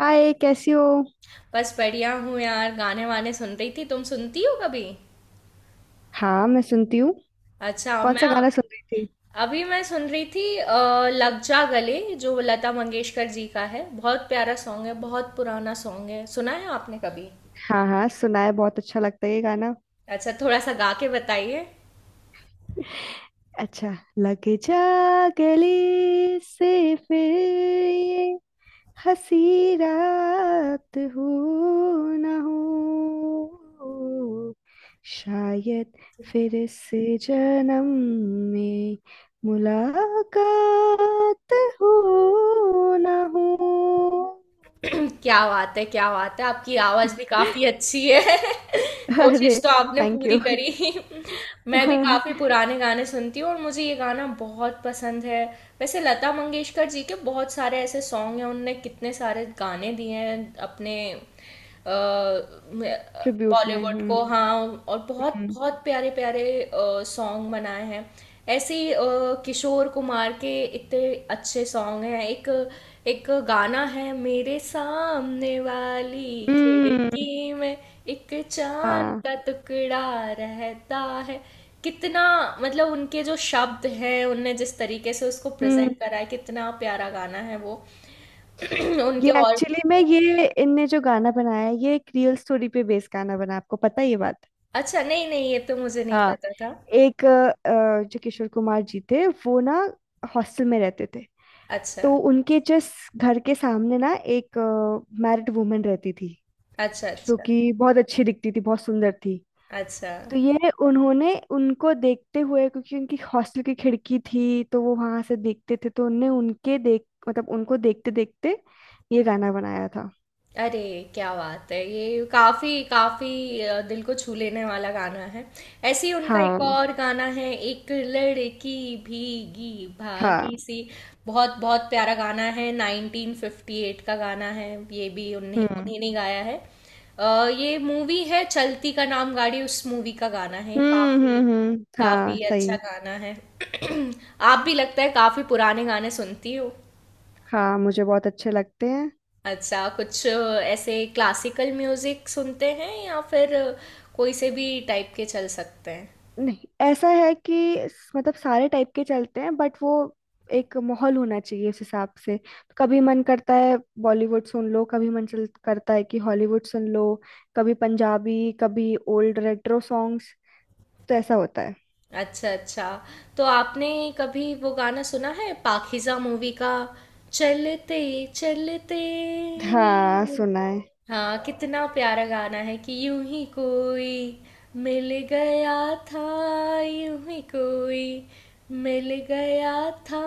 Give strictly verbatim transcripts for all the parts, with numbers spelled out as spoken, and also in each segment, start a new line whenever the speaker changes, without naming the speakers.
हाय, कैसी हो।
बस बढ़िया हूँ यार। गाने वाने सुन रही थी। तुम सुनती हो कभी?
हाँ, मैं सुनती हूँ।
अच्छा।
कौन सा
मैं
गाना सुन रही थी।
अभी मैं सुन रही थी अ, लग जा गले, जो लता मंगेशकर जी का है। बहुत प्यारा सॉन्ग है, बहुत पुराना सॉन्ग है। सुना है आपने कभी?
हाँ हाँ, सुनाए, बहुत अच्छा लगता है ये गाना।
अच्छा, थोड़ा सा गा के बताइए।
अच्छा। लग जा गले से फिर ये हंसी रात हो ना हो, शायद फिर से जन्म में मुलाकात हो ना हो।
क्या बात है! क्या बात है! आपकी आवाज़ भी काफ़ी अच्छी है। कोशिश
अरे।
तो आपने
थैंक
पूरी
यू।
करी। मैं भी काफ़ी पुराने गाने सुनती हूँ और मुझे ये गाना बहुत पसंद है। वैसे लता मंगेशकर जी के बहुत सारे ऐसे सॉन्ग हैं, उनने कितने सारे गाने दिए हैं अपने
ट्रिब्यूट में।
बॉलीवुड
हम्म।
को, हाँ। और बहुत
हम्म।
बहुत प्यारे प्यारे सॉन्ग बनाए हैं। ऐसे ही, अ, किशोर कुमार के इतने अच्छे सॉन्ग हैं। एक एक गाना है, मेरे सामने वाली
हम्म,
खिड़की में एक चांद
हाँ।
का टुकड़ा रहता है। कितना, मतलब उनके जो शब्द हैं, उनने जिस तरीके से उसको प्रेजेंट
हम्म।
करा है, कितना प्यारा गाना है वो।
ये
उनके और
एक्चुअली में ये इनने जो गाना बनाया है ये एक रियल स्टोरी पे बेस्ड गाना बना, आपको पता है ये बात।
अच्छा, नहीं नहीं, ये तो मुझे नहीं
हाँ।
पता था।
एक अ, अ, जो किशोर कुमार जी थे वो ना हॉस्टल में रहते थे।
अच्छा।
तो उनके जस्ट घर के सामने ना एक मैरिड वुमन रहती थी,
अच्छा।
जो
अच्छा।
कि बहुत अच्छी दिखती थी, बहुत सुंदर थी।
अच्छा।
तो ये उन्होंने उनको देखते हुए, क्योंकि उनकी हॉस्टल की खिड़की थी तो वो वहां से देखते थे, तो उनने उनके देख मतलब उनको देखते देखते ये गाना बनाया था।
अरे क्या बात है! ये काफ़ी काफ़ी दिल को छू लेने वाला गाना है। ऐसे ही उनका एक
हाँ
और गाना है, एक लड़की भीगी
हाँ।
भागी सी। बहुत बहुत प्यारा गाना है, नाइन्टीन फ़िफ़्टी एट का गाना है। ये भी उन्हीं
हम्म
उन्हीं ने गाया है। अ, ये मूवी है चलती का नाम गाड़ी, उस मूवी का गाना है।
हम्म
काफ़ी
हम्म हम्म, हाँ
काफ़ी अच्छा
सही।
गाना है। आप भी लगता है काफ़ी पुराने गाने सुनती हो।
हाँ, मुझे बहुत अच्छे लगते हैं।
अच्छा, कुछ ऐसे क्लासिकल म्यूजिक सुनते हैं या फिर कोई से भी टाइप के चल सकते हैं?
नहीं, ऐसा है कि स- मतलब सारे टाइप के चलते हैं, बट वो एक माहौल होना चाहिए उस हिसाब से। कभी मन करता है बॉलीवुड सुन लो, कभी मन चल करता है कि हॉलीवुड सुन लो, कभी पंजाबी, कभी ओल्ड रेट्रो सॉन्ग्स। तो ऐसा होता है।
अच्छा अच्छा। तो आपने कभी वो गाना सुना है पाकीज़ा मूवी का, चलते चलते?
हाँ सुना है।
हाँ, कितना प्यारा गाना है कि यूं ही कोई मिल गया था, यूं ही कोई मिल गया था,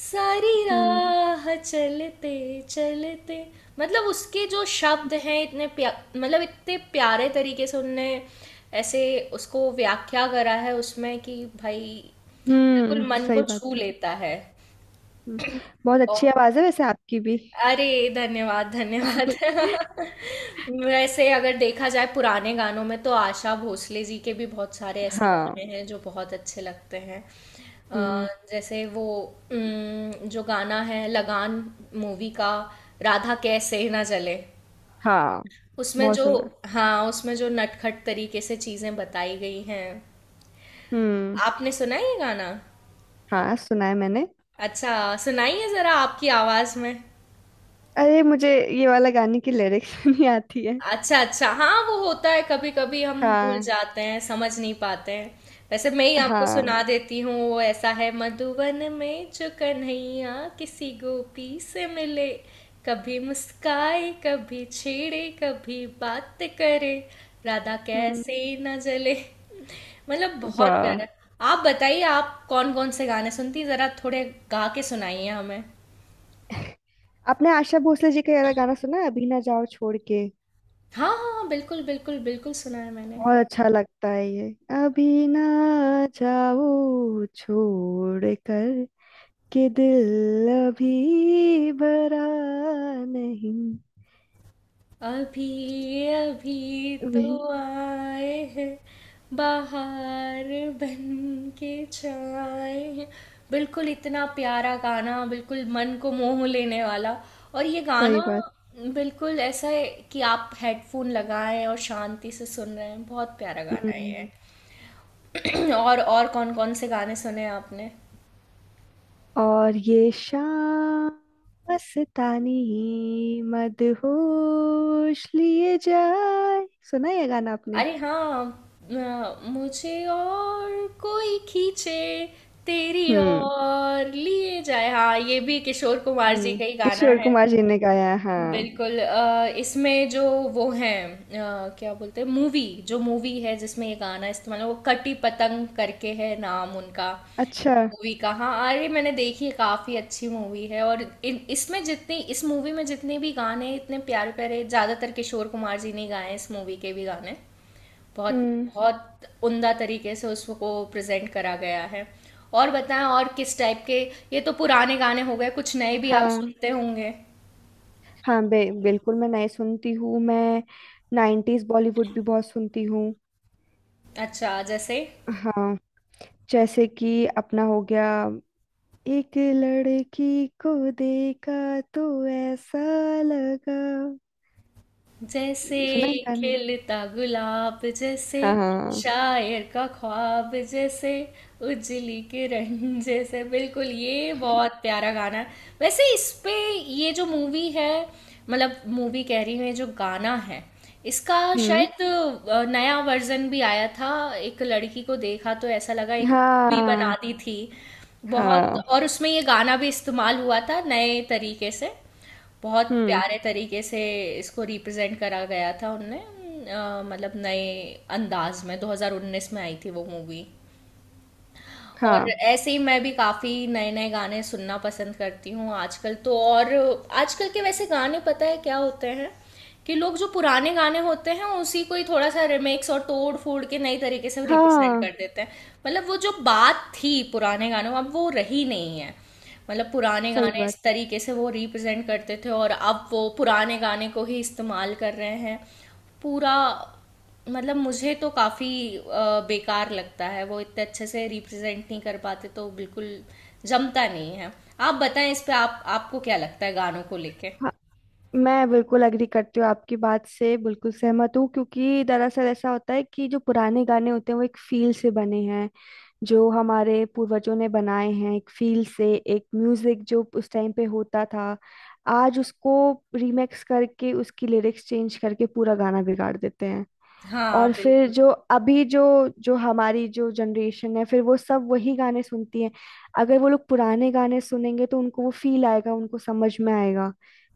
सारी
हम्म।
राह चलते चलते। मतलब उसके जो शब्द हैं, इतने प्या मतलब इतने प्यारे तरीके से उनने ऐसे उसको व्याख्या करा है उसमें कि भाई,
हम्म
बिल्कुल मन
सही
को
बात
छू
है।
लेता है।
हम्म, बहुत
और
अच्छी आवाज है वैसे आपकी भी।
अरे धन्यवाद धन्यवाद। वैसे अगर देखा जाए पुराने गानों में तो आशा भोसले जी के भी बहुत सारे ऐसे
हाँ।
गाने हैं जो बहुत अच्छे लगते हैं।
हम्म।
अ, जैसे वो उम, जो गाना है लगान मूवी का, राधा कैसे ना जले,
हाँ,
उसमें
बहुत
जो,
सुंदर।
हाँ, उसमें जो नटखट तरीके से चीजें बताई गई हैं।
हम्म।
आपने सुना है ये गाना?
हाँ सुना है मैंने।
अच्छा, सुनाइए जरा आपकी आवाज में।
अरे, मुझे ये वाला गाने की लिरिक्स नहीं आती है।
अच्छा अच्छा। हाँ वो होता है, कभी कभी हम भूल
हाँ।
जाते हैं, समझ नहीं पाते हैं। वैसे मैं ही आपको
हाँ।
सुना देती हूँ। वो ऐसा है, मधुवन में जो कन्हैया किसी गोपी से मिले, कभी मुस्काए, कभी छेड़े, कभी बात करे, राधा
हम्म।
कैसे न जले। मतलब बहुत
वाह।
प्यारा। आप बताइए, आप कौन कौन से गाने सुनती हैं? जरा थोड़े गा के सुनाइए हमें।
आपने आशा भोसले जी का ये वाला गाना सुना है, अभी ना जाओ छोड़ के।
हाँ हाँ हाँ, बिल्कुल बिल्कुल बिल्कुल सुना है मैंने।
बहुत अच्छा लगता है ये। अभी ना जाओ छोड़ कर के दिल अभी भरा नहीं।
अभी अभी तो
वही।
आए हैं बाहर, बन के छाए हैं। बिल्कुल इतना प्यारा गाना, बिल्कुल मन को मोह लेने वाला। और ये
सही
गाना
बात।
बिल्कुल ऐसा है कि आप हेडफोन लगाएं और शांति से सुन रहे हैं, बहुत प्यारा गाना है
हम्म।
ये। और और कौन कौन से गाने सुने आपने?
और ये शाम मस्तानी मदहोश लिए जाए, सुना है ये गाना आपने।
अरे हाँ, अ, मुझे और कोई खींचे तेरी
हम्म।
और लिए जाए। हाँ ये भी किशोर कुमार जी
हम्म।
का ही गाना
किशोर
है।
कुमार जी ने गाया है, हाँ।
बिल्कुल। अ, इसमें जो वो हैं, अ, क्या बोलते हैं मूवी, जो मूवी है जिसमें ये गाना इस्तेमाल है, वो कटी पतंग करके है नाम उनका
अच्छा।
मूवी का, हाँ। अरे मैंने देखी है, काफी अच्छी मूवी है। और इन इसमें जितनी इस मूवी में जितने भी गाने हैं, इतने प्यारे प्यारे, ज्यादातर किशोर कुमार जी ने ही गाए हैं इस मूवी के भी गाने। बहुत
हम्म।
बहुत उम्दा तरीके से उसको प्रेजेंट करा गया है। और बताएं, और किस टाइप के? ये तो पुराने गाने हो गए, कुछ नए भी आप
हाँ।
सुनते होंगे।
हाँ बे, बिल्कुल मैं नए सुनती हूँ। मैं नाइन्टीज बॉलीवुड भी बहुत सुनती हूँ।
अच्छा, जैसे
हाँ, जैसे कि अपना हो गया एक लड़की को देखा तो ऐसा लगा,
जैसे
सुना है गाने।
खिलता गुलाब जैसे,
हाँ हाँ।
शायर का ख्वाब जैसे, उजली किरण जैसे, बिल्कुल ये बहुत प्यारा गाना है। वैसे इस पे ये जो मूवी है, मतलब मूवी कह रही हूँ, ये जो गाना है इसका
हम्म।
शायद अ, नया वर्जन भी आया था। एक लड़की को देखा तो ऐसा लगा, एक मूवी बना
हाँ
दी थी बहुत।
हाँ।
और उसमें ये गाना भी इस्तेमाल हुआ था नए तरीके से, बहुत
हम्म।
प्यारे तरीके से इसको रिप्रेजेंट करा गया था उनने, अ, मतलब नए अंदाज में। दो हज़ार उन्नीस में आई थी वो मूवी। और
हाँ
ऐसे ही मैं भी काफ़ी नए नए गाने सुनना पसंद करती हूँ आजकल तो। और आजकल के वैसे गाने पता है क्या होते हैं कि लोग जो पुराने गाने होते हैं उसी को ही थोड़ा सा रिमिक्स और तोड़ फोड़ के नई तरीके से रिप्रेजेंट कर
हाँ,
देते हैं। मतलब वो जो बात थी पुराने गानों में, अब वो रही नहीं है। मतलब पुराने
सही
गाने
बात।
इस तरीके से वो रिप्रेजेंट करते थे, और अब वो पुराने गाने को ही इस्तेमाल कर रहे हैं पूरा। मतलब मुझे तो काफ़ी अ, बेकार लगता है, वो इतने अच्छे से रिप्रेजेंट नहीं कर पाते तो बिल्कुल जमता नहीं है। आप बताएं इस पे, आप आपको क्या लगता है गानों को लेके?
हाँ, मैं बिल्कुल एग्री करती हूँ, आपकी बात से बिल्कुल सहमत हूँ। क्योंकि दरअसल ऐसा होता है कि जो पुराने गाने होते हैं वो एक फील से बने हैं, जो हमारे पूर्वजों ने बनाए हैं। एक फील से, एक म्यूजिक जो उस टाइम पे होता था, आज उसको रीमेक्स करके उसकी लिरिक्स चेंज करके पूरा गाना बिगाड़ देते हैं।
हाँ
और फिर
बिल्कुल,
जो अभी जो जो हमारी जो जनरेशन है फिर वो सब वही गाने सुनती है। अगर वो लोग पुराने गाने सुनेंगे तो उनको वो फील आएगा, उनको समझ में आएगा,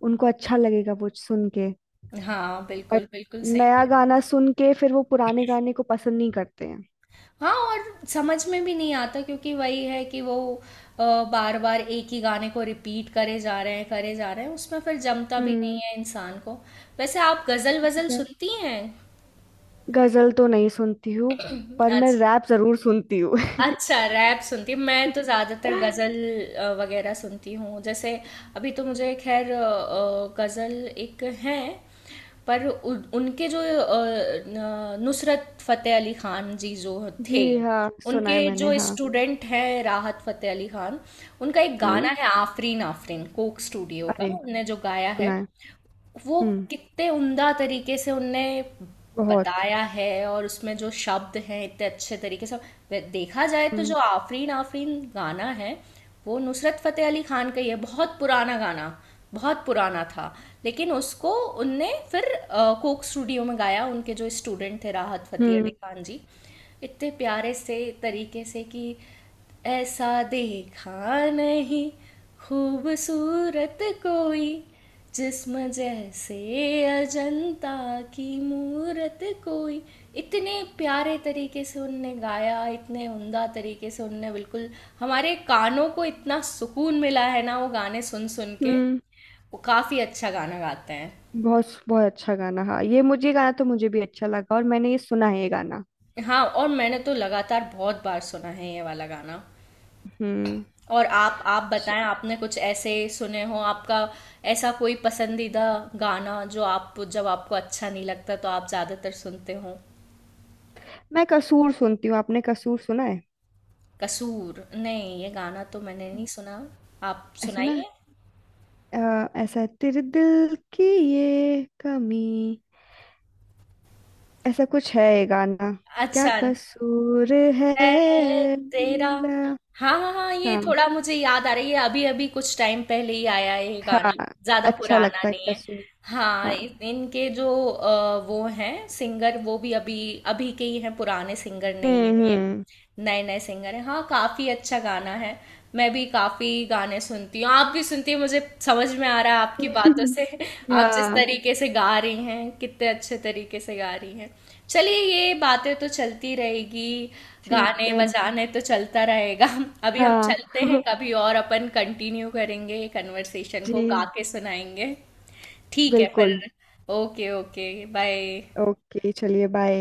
उनको अच्छा लगेगा वो सुन के।
हाँ
बट
बिल्कुल बिल्कुल सही कह
नया
रहे हैं।
गाना सुन के फिर वो पुराने गाने को पसंद नहीं करते हैं।
हाँ, और समझ में भी नहीं आता, क्योंकि वही है कि वो बार बार एक ही गाने को रिपीट करे जा रहे हैं करे जा रहे हैं, उसमें फिर जमता भी
हम्म।
नहीं है इंसान को। वैसे आप गजल वजल
अच्छा।
सुनती हैं?
गजल तो नहीं सुनती हूँ, पर मैं
अच्छा,
रैप जरूर सुनती हूँ।
अच्छा रैप सुनती हूँ। मैं तो ज़्यादातर गज़ल अ, वगैरह सुनती हूँ। जैसे अभी तो मुझे खैर अ, अ, गज़ल एक हैं। पर उ, उनके जो अ, न- नुसरत फ़तेह अली ख़ान जी जो
जी
थे,
हाँ, सुना है
उनके
मैंने।
जो
हाँ।
स्टूडेंट हैं राहत फ़तेह अली ख़ान, उनका एक गाना
हम्म।
है आफरीन आफरीन, कोक स्टूडियो
अरे,
का, उनने जो गाया
सुना
है।
है।
वो
हम्म।
कितने उम्दा तरीके से उनने
बहुत।
बताया है, और उसमें जो शब्द हैं इतने अच्छे तरीके से। वे- देखा जाए तो
हम्म।
जो आफरीन आफरीन गाना है, वो नुसरत फ़तेह अली खान का ही है, बहुत पुराना गाना, बहुत पुराना था। लेकिन उसको उनने फिर अ, कोक स्टूडियो में गाया, उनके जो स्टूडेंट थे राहत फ़तेह
हम्म।
अली खान जी, इतने प्यारे से तरीके से कि ऐसा देखा नहीं, खूबसूरत कोई जिस्म जैसे अजंता की मूरत कोई, इतने प्यारे तरीके से उनने गाया, इतने उमदा तरीके से उनने। बिल्कुल हमारे कानों को इतना सुकून मिला है ना वो गाने सुन सुन के।
हम्म,
वो काफ़ी अच्छा गाना गाते हैं।
बहुत बहुत अच्छा गाना। हाँ, ये मुझे, ये गाना तो मुझे भी अच्छा लगा, और मैंने ये सुना है ये गाना।
हाँ, और मैंने तो लगातार बहुत बार सुना है ये वाला गाना।
हम्म।
और आप आप
अच्छा।
बताएं, आपने कुछ ऐसे सुने हो आपका ऐसा कोई पसंदीदा गाना, जो आप, जब आपको अच्छा नहीं लगता तो आप ज़्यादातर सुनते हो?
मैं कसूर सुनती हूँ, आपने कसूर सुना है।
कसूर नहीं, ये गाना तो मैंने नहीं सुना। आप
ऐसा ना
सुनाइए।
अ, ऐसा है, तेरे दिल की ये कमी, ऐसा कुछ है ये गाना। क्या
अच्छा,
कसूर है
ए, तेरा,
मेरा।
हाँ हाँ हाँ, ये
हाँ
थोड़ा मुझे याद आ रही है, अभी अभी कुछ टाइम पहले ही आया है ये
हाँ।
गाना, ज्यादा
अच्छा
पुराना
लगता है
नहीं है।
कसूर।
हाँ,
हाँ।
इन- इनके जो अ, वो हैं सिंगर, वो भी अभी अभी के ही हैं, पुराने सिंगर नहीं है ये,
हम्म।
नए नए सिंगर हैं। हाँ, काफ़ी अच्छा गाना है। मैं भी काफ़ी गाने सुनती हूँ, आप भी सुनती हैं, मुझे समझ में आ रहा है आपकी बातों
हम्म।
से। आप जिस
हाँ।
तरीके से गा रही हैं, कितने अच्छे तरीके से गा रही हैं। चलिए, ये बातें तो चलती रहेगी,
ठीक
गाने
है।
बजाने तो चलता रहेगा। अभी हम
हाँ
चलते हैं, कभी और अपन कंटिन्यू करेंगे ये कन्वर्सेशन को, गा
जी,
के सुनाएंगे। ठीक है फिर।
बिल्कुल।
Okay okay. बाय।
ओके, चलिए, बाय।